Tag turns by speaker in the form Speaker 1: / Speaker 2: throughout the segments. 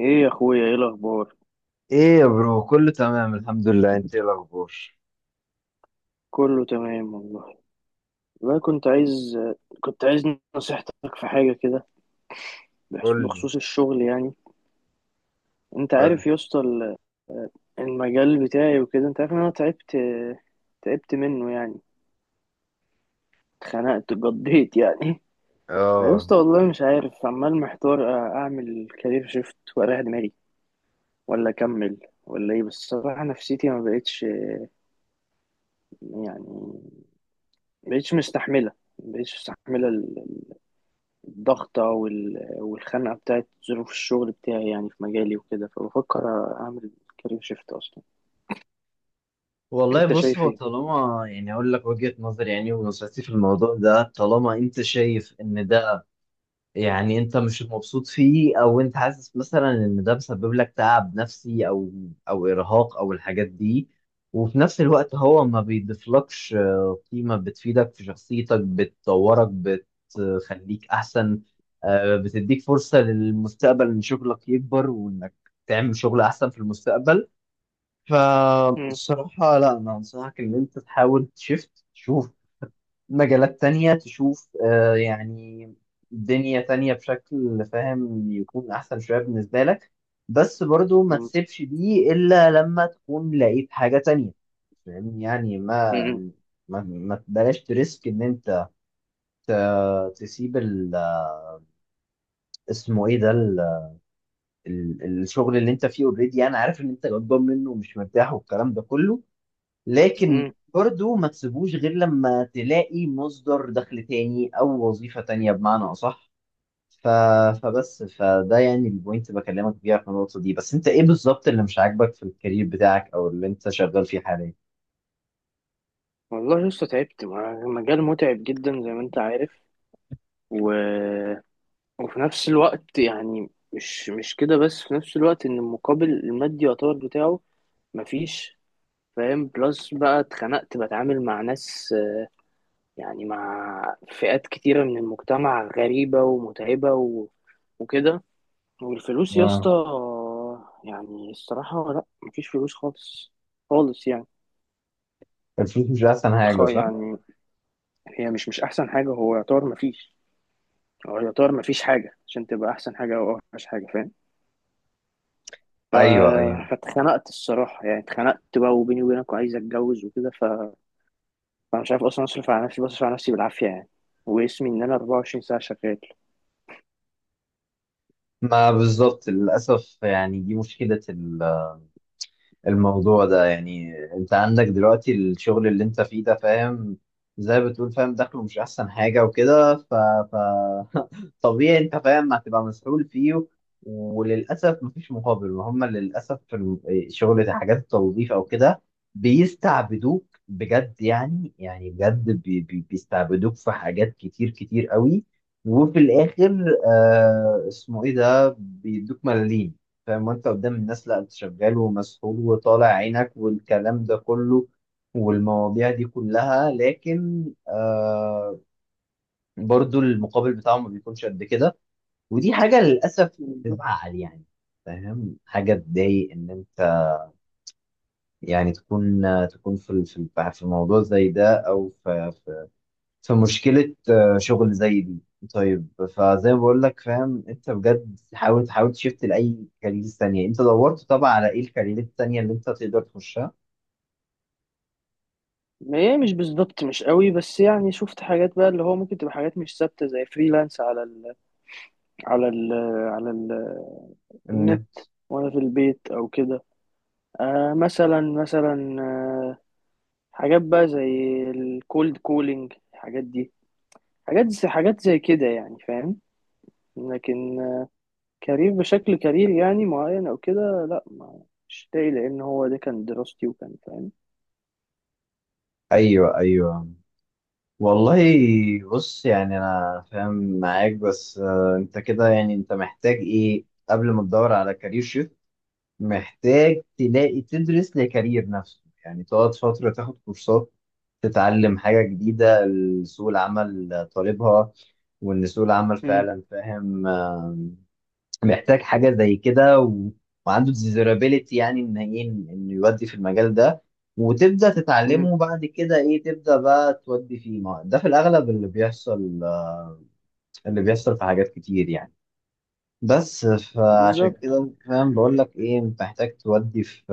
Speaker 1: ايه يا اخويا، ايه الاخبار؟
Speaker 2: ايه يا برو، كله تمام الحمد لله. انت ايه الاخبار؟
Speaker 1: كله تمام والله. والله كنت عايز، كنت عايز نصيحتك في حاجه كده،
Speaker 2: قول لي.
Speaker 1: بخصوص الشغل يعني. انت
Speaker 2: قول
Speaker 1: عارف
Speaker 2: لي
Speaker 1: يا اسطى المجال بتاعي وكده، انت عارف ان انا تعبت، منه يعني، اتخنقت، قضيت يعني. يا
Speaker 2: اه
Speaker 1: اسطى والله مش عارف، عمال محتار اعمل كارير شيفت واريح دماغي ولا اكمل ولا ايه. بس الصراحه نفسيتي ما بقتش، يعني ما بقتش مستحمله، ما بقتش مستحمله الضغطة والخنقة بتاعت ظروف الشغل بتاعي يعني، في مجالي وكده. فبفكر أعمل كارير شيفت أصلا.
Speaker 2: والله
Speaker 1: أنت
Speaker 2: بص،
Speaker 1: شايف
Speaker 2: هو
Speaker 1: إيه؟
Speaker 2: طالما يعني اقول لك وجهة نظري يعني ونصيحتي في الموضوع ده، طالما انت شايف ان يعني انت مش مبسوط فيه، او انت حاسس مثلا ان ده مسبب لك تعب نفسي او ارهاق او الحاجات دي، وفي نفس الوقت هو ما بيضيفلكش قيمة بتفيدك في شخصيتك، بتطورك، بتخليك احسن، بتديك فرصة للمستقبل ان شغلك يكبر وانك تعمل شغل احسن في المستقبل،
Speaker 1: مم.
Speaker 2: فالصراحة لا، انا انصحك ان انت تحاول تشوف مجالات تانية، تشوف يعني دنيا تانية بشكل فاهم يكون أحسن شوية بالنسبة لك. بس برضو ما
Speaker 1: مم.
Speaker 2: تسيبش دي إلا لما تكون لقيت حاجة تانية، فاهم يعني؟ ما
Speaker 1: مم.
Speaker 2: ما, ما تبلاش تريسك إن أنت تسيب اسمه إيه ده، الشغل اللي أنت فيه. أوريدي أنا عارف إن أنت غضبان منه ومش مرتاح والكلام ده كله، لكن
Speaker 1: مم.
Speaker 2: برضو ما تسيبوش غير لما تلاقي مصدر دخل تاني أو وظيفة تانية بمعنى أصح. ف... فبس، فده يعني البوينت بكلمك بيها في النقطة دي. بس انت ايه بالظبط اللي مش عاجبك في الكارير بتاعك او اللي انت شغال فيه حاليا؟
Speaker 1: والله لسه تعبت، مجال متعب جدا زي ما أنت عارف. و... وفي نفس الوقت يعني، مش كده بس، في نفس الوقت إن المقابل المادي يعتبر بتاعه مفيش، فاهم؟ بلس بقى اتخنقت، بتعامل مع ناس، آه، يعني مع فئات كتيرة من المجتمع غريبة ومتعبة وكده. والفلوس يا اسطى،
Speaker 2: اه.
Speaker 1: يعني الصراحة لا، مفيش فلوس خالص، خالص يعني.
Speaker 2: الفلوس مش احسن حاجة، صح؟
Speaker 1: يعني هي مش أحسن حاجة، هو يعتبر مفيش، هو يعتبر مفيش حاجة عشان تبقى أحسن حاجة أو أوحش حاجة، فاهم؟ ف...
Speaker 2: ايوه يعني.
Speaker 1: فاتخنقت الصراحة يعني، اتخنقت بقى. وبيني وبينك، وعايز أتجوز وكده. فأنا مش عارف أصلا أصرف على نفسي، بصرف على نفسي بالعافية يعني، واسمي إن أنا 24 ساعة شغال.
Speaker 2: ما بالظبط، للأسف يعني دي مشكلة الموضوع ده. يعني انت عندك دلوقتي الشغل اللي انت فيه ده، فاهم، زي ما بتقول، فاهم، دخله مش احسن حاجة وكده، طبيعي انت فاهم هتبقى مسؤول فيه. وللاسف مفيش مقابل، وهم للاسف في شغل حاجات التوظيف او كده بيستعبدوك بجد يعني، يعني بجد، بي بي بيستعبدوك في حاجات كتير كتير قوي، وفي الاخر آه اسمه ايه ده، بيدوك ملاليم. فاهم؟ وانت قدام الناس لا، انت شغال ومسؤول وطالع عينك والكلام ده كله والمواضيع دي كلها، لكن آه، برضو المقابل بتاعهم ما بيكونش قد كده. ودي حاجة للأسف
Speaker 1: بالظبط.
Speaker 2: تزعل يعني، فاهم، حاجة تضايق إن أنت يعني تكون في في موضوع زي ده، أو في في مشكلة آه، شغل زي دي. طيب، فزي ما بقول لك فاهم، أنت بجد حاول تحاول لأي كارير ثانية. أنت دورت طبعا على إيه الكارير التانية اللي أنت تقدر تخشها؟
Speaker 1: ما هي مش بالظبط مش قوي، بس يعني شفت حاجات بقى اللي هو ممكن تبقى حاجات مش ثابتة، زي فريلانس على على ال ال النت،
Speaker 2: إن-
Speaker 1: وانا في البيت او كده. آه مثلا، آه، حاجات بقى زي الكولد كولينج، الحاجات دي، حاجات زي كده يعني، فاهم؟ لكن آه، كارير بشكل كارير يعني معين او كده، لا ما مش لاقي، لان هو ده كان دراستي وكان، فاهم؟
Speaker 2: أيوه أيوه. والله بص، يعني أنا فاهم معاك، بس آه، أنت كده يعني أنت محتاج إيه قبل ما تدور على كارير شيفت؟ محتاج تلاقي تدرس لكارير نفسه، يعني تقعد فترة تاخد كورسات، تتعلم حاجة جديدة سوق العمل طالبها. وإن سوق العمل
Speaker 1: مم.
Speaker 2: فعلا فاهم آه، محتاج حاجة زي كده، وعنده ديزيرابيليتي يعني إن إيه، إنه يودي في المجال ده. وتبدأ
Speaker 1: مم.
Speaker 2: تتعلمه، بعد كده إيه، تبدأ بقى تودي فيه. ما ده في الأغلب اللي بيحصل آه، اللي بيحصل في حاجات كتير يعني. بس فعشان
Speaker 1: بالظبط.
Speaker 2: كده فاهم، بقول لك ايه، انت محتاج تودي في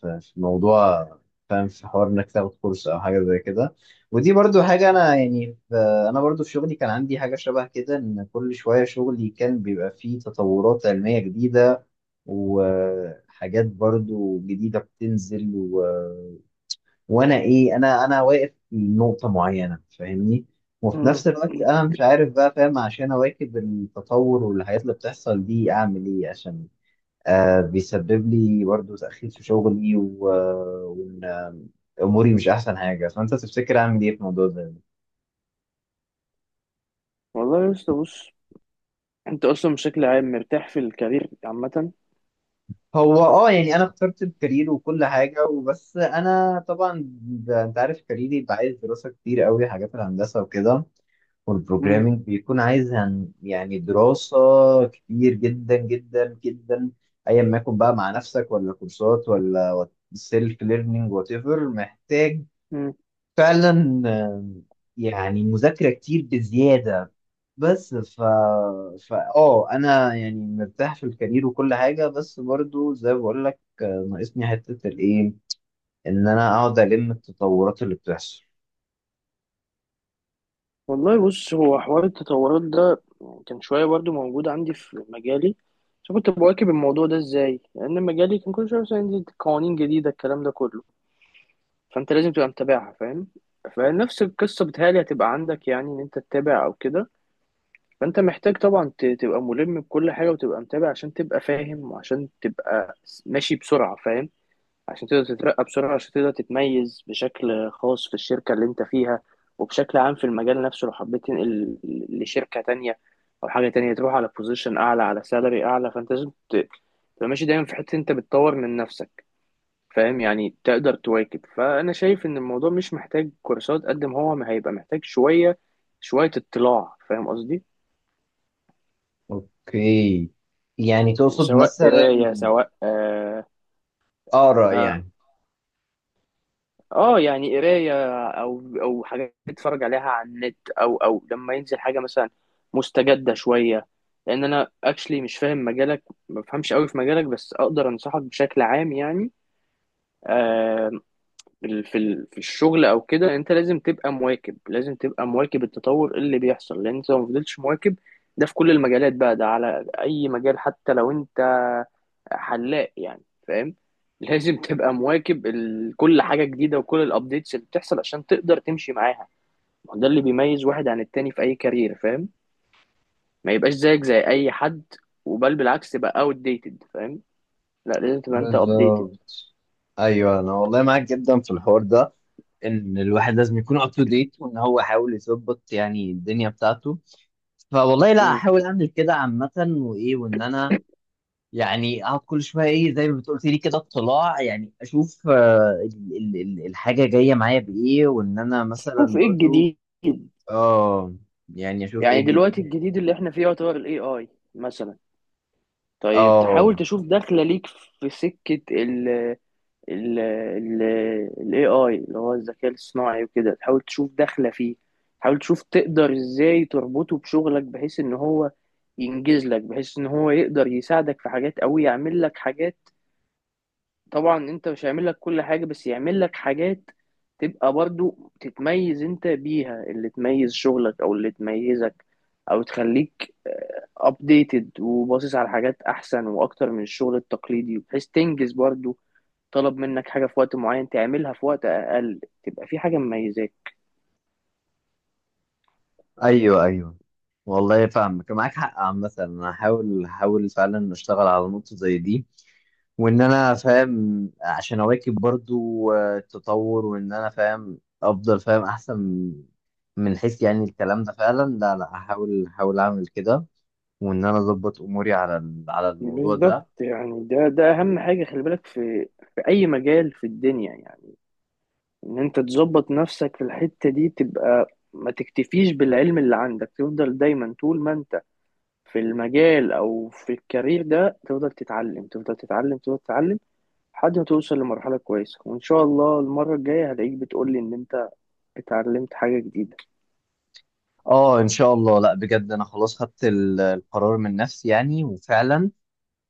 Speaker 2: في موضوع، فاهم، في حوار انك تاخد كورس او حاجه زي كده. ودي برضو حاجه انا يعني، انا برضو في شغلي كان عندي حاجه شبه كده، ان كل شويه شغلي كان بيبقى فيه تطورات علميه جديده وحاجات برضو جديده بتنزل، وانا ايه انا انا واقف في نقطه معينه، فاهمني، وفي
Speaker 1: مم.
Speaker 2: نفس الوقت
Speaker 1: مم.
Speaker 2: انا مش عارف بقى فاهم، عشان اواكب التطور والحاجات اللي بتحصل دي اعمل ايه عشان آه بيسبب لي برضو تاخير في شغلي آه، وان آه، اموري مش احسن حاجه. فانت تفتكر اعمل ايه في الموضوع ده؟
Speaker 1: والله يا اسطى بص، انت اصلا بشكل عام مرتاح في الكارير عامه؟
Speaker 2: هو اه يعني انا اخترت الكارير وكل حاجه، وبس انا طبعا انت عارف كاريري بعيد، دراسه كتير قوي، حاجات الهندسه وكده
Speaker 1: مم.
Speaker 2: والبروجرامينج، بيكون عايز يعني دراسة كتير جدا جدا جدا، ايا ما يكون بقى، مع نفسك ولا كورسات ولا سيلف ليرنينج، وات ايفر محتاج
Speaker 1: مم.
Speaker 2: فعلا. آم، يعني مذاكرة كتير بزيادة. بس ف فا اه انا يعني مرتاح في الكارير وكل حاجة، بس برضو زي ما بقول لك آه، ناقصني حتة الايه، ان انا اقعد الم التطورات اللي بتحصل.
Speaker 1: والله بص، هو حوار التطورات ده كان شوية برضو موجود عندي في مجالي، بس كنت بواكب الموضوع ده ازاي؟ لأن مجالي كان كل شوية مثلا ينزل قوانين جديدة، الكلام ده كله، فأنت لازم تبقى متابعها، فاهم؟ فنفس القصة بتهيألي هتبقى عندك، يعني إن أنت تتابع أو كده. فأنت محتاج طبعا، تبقى ملم بكل حاجة وتبقى متابع، عشان تبقى فاهم وعشان تبقى ماشي بسرعة، فاهم؟ عشان تقدر تترقى بسرعة، عشان تقدر تتميز بشكل خاص في الشركة اللي انت فيها، وبشكل عام في المجال نفسه. لو حبيت تنقل لشركة تانية أو حاجة تانية، تروح على بوزيشن أعلى، على سالري أعلى، فأنت لازم تبقى ماشي دايما في حتة أنت بتطور من نفسك، فاهم يعني؟ تقدر تواكب. فأنا شايف إن الموضوع مش محتاج كورسات، قد ما هو ما هيبقى محتاج شوية، اطلاع، فاهم قصدي؟
Speaker 2: اوكي. يعني تقصد
Speaker 1: سواء
Speaker 2: مثلا
Speaker 1: قراية، سواء آه،
Speaker 2: اقرا
Speaker 1: آه،
Speaker 2: يعني؟
Speaker 1: اه يعني قرايه، او حاجات اتفرج عليها على النت، او لما ينزل حاجه مثلا مستجده شويه. لان انا اكشلي مش فاهم مجالك، ما بفهمش قوي في مجالك، بس اقدر انصحك بشكل عام يعني. آه، في الشغل او كده، انت لازم تبقى مواكب، لازم تبقى مواكب التطور اللي بيحصل، لان انت لو ما فضلتش مواكب، ده في كل المجالات بقى، ده على اي مجال، حتى لو انت حلاق يعني، فاهم؟ لازم تبقى مواكب كل حاجة جديدة وكل الابديتس اللي بتحصل عشان تقدر تمشي معاها. ما هو ده اللي بيميز واحد عن التاني في اي كارير، فاهم؟ ما يبقاش زيك زي اي حد، بالعكس تبقى outdated، فاهم؟ لا، لازم تبقى انت updated.
Speaker 2: بالظبط. ايوه انا والله معاك جدا في الحوار ده، ان الواحد لازم يكون اب تو ديت، وان هو يحاول يظبط يعني الدنيا بتاعته. فوالله لا،
Speaker 1: مم.
Speaker 2: احاول اعمل كده عامه، وايه، وان انا يعني اقعد كل شويه ايه زي ما بتقولي لي كده اطلاع، يعني اشوف آه، الحاجه جايه معايا بايه، وان انا مثلا
Speaker 1: تشوف ايه
Speaker 2: برضو
Speaker 1: الجديد.
Speaker 2: اه يعني اشوف ايه
Speaker 1: يعني دلوقتي
Speaker 2: الجديد.
Speaker 1: الجديد اللي احنا فيه يعتبر الاي اي مثلا. طيب
Speaker 2: اه.
Speaker 1: تحاول تشوف داخله ليك في سكه ال الاي اي اللي هو الذكاء الصناعي وكده، تحاول تشوف داخله فيه. تحاول تشوف تقدر ازاي تربطه بشغلك، بحيث ان هو ينجز لك، بحيث ان هو يقدر يساعدك في حاجات او يعمل لك حاجات. طبعا انت، مش هيعمل لك كل حاجة، بس يعمل لك حاجات تبقى برضو تتميز انت بيها، اللي تميز شغلك او اللي تميزك، او تخليك ابديتد وباصص على حاجات احسن واكتر من الشغل التقليدي، بحيث تنجز برضو، طلب منك حاجة في وقت معين، تعملها في وقت اقل، تبقى في حاجة مميزاك.
Speaker 2: ايوه ايوه، والله فاهمك، معاك حق عامة. انا هحاول فعلا اشتغل على نقطة زي دي، وان انا فاهم عشان اواكب برضو آه، التطور، وان انا فاهم افضل، فاهم احسن، من حيث يعني الكلام ده فعلا. لا هحاول اعمل كده، وان انا اظبط اموري على على الموضوع ده.
Speaker 1: بالظبط. يعني ده اهم حاجه، خلي بالك في في اي مجال في الدنيا يعني، ان انت تظبط نفسك في الحتة دي، تبقى ما تكتفيش بالعلم اللي عندك، تفضل دايما طول ما انت في المجال او في الكارير ده تفضل تتعلم، تفضل تتعلم، تفضل تتعلم، لحد ما توصل لمرحلة كويسة. وان شاء الله المرة الجاية هلاقيك بتقولي ان انت اتعلمت حاجة جديدة.
Speaker 2: اه ان شاء الله. لا بجد، انا خلاص خدت القرار من نفسي، يعني وفعلا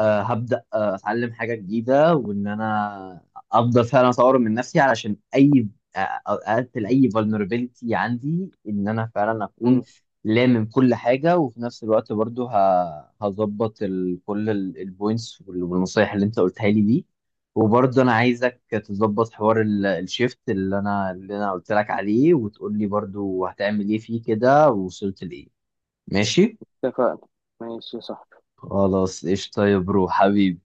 Speaker 2: آه، هبدأ آه، أتعلم حاجة جديدة، وإن أنا أفضل فعلا أطور من نفسي، علشان أي آه، أقتل أي vulnerability عندي، إن أنا فعلا أكون
Speaker 1: مم.
Speaker 2: لامم كل حاجة. وفي نفس الوقت برضو هظبط كل البوينتس والنصايح اللي أنت قلتها لي دي. وبرضه أنا عايزك تظبط حوار الشيفت اللي أنا قلت لك عليه، وتقول لي برضو هتعمل إيه فيه كده ووصلت لإيه. ماشي؟
Speaker 1: اتفقنا. ماشي يا صاحبي.
Speaker 2: خلاص، قشطة يا برو حبيبي.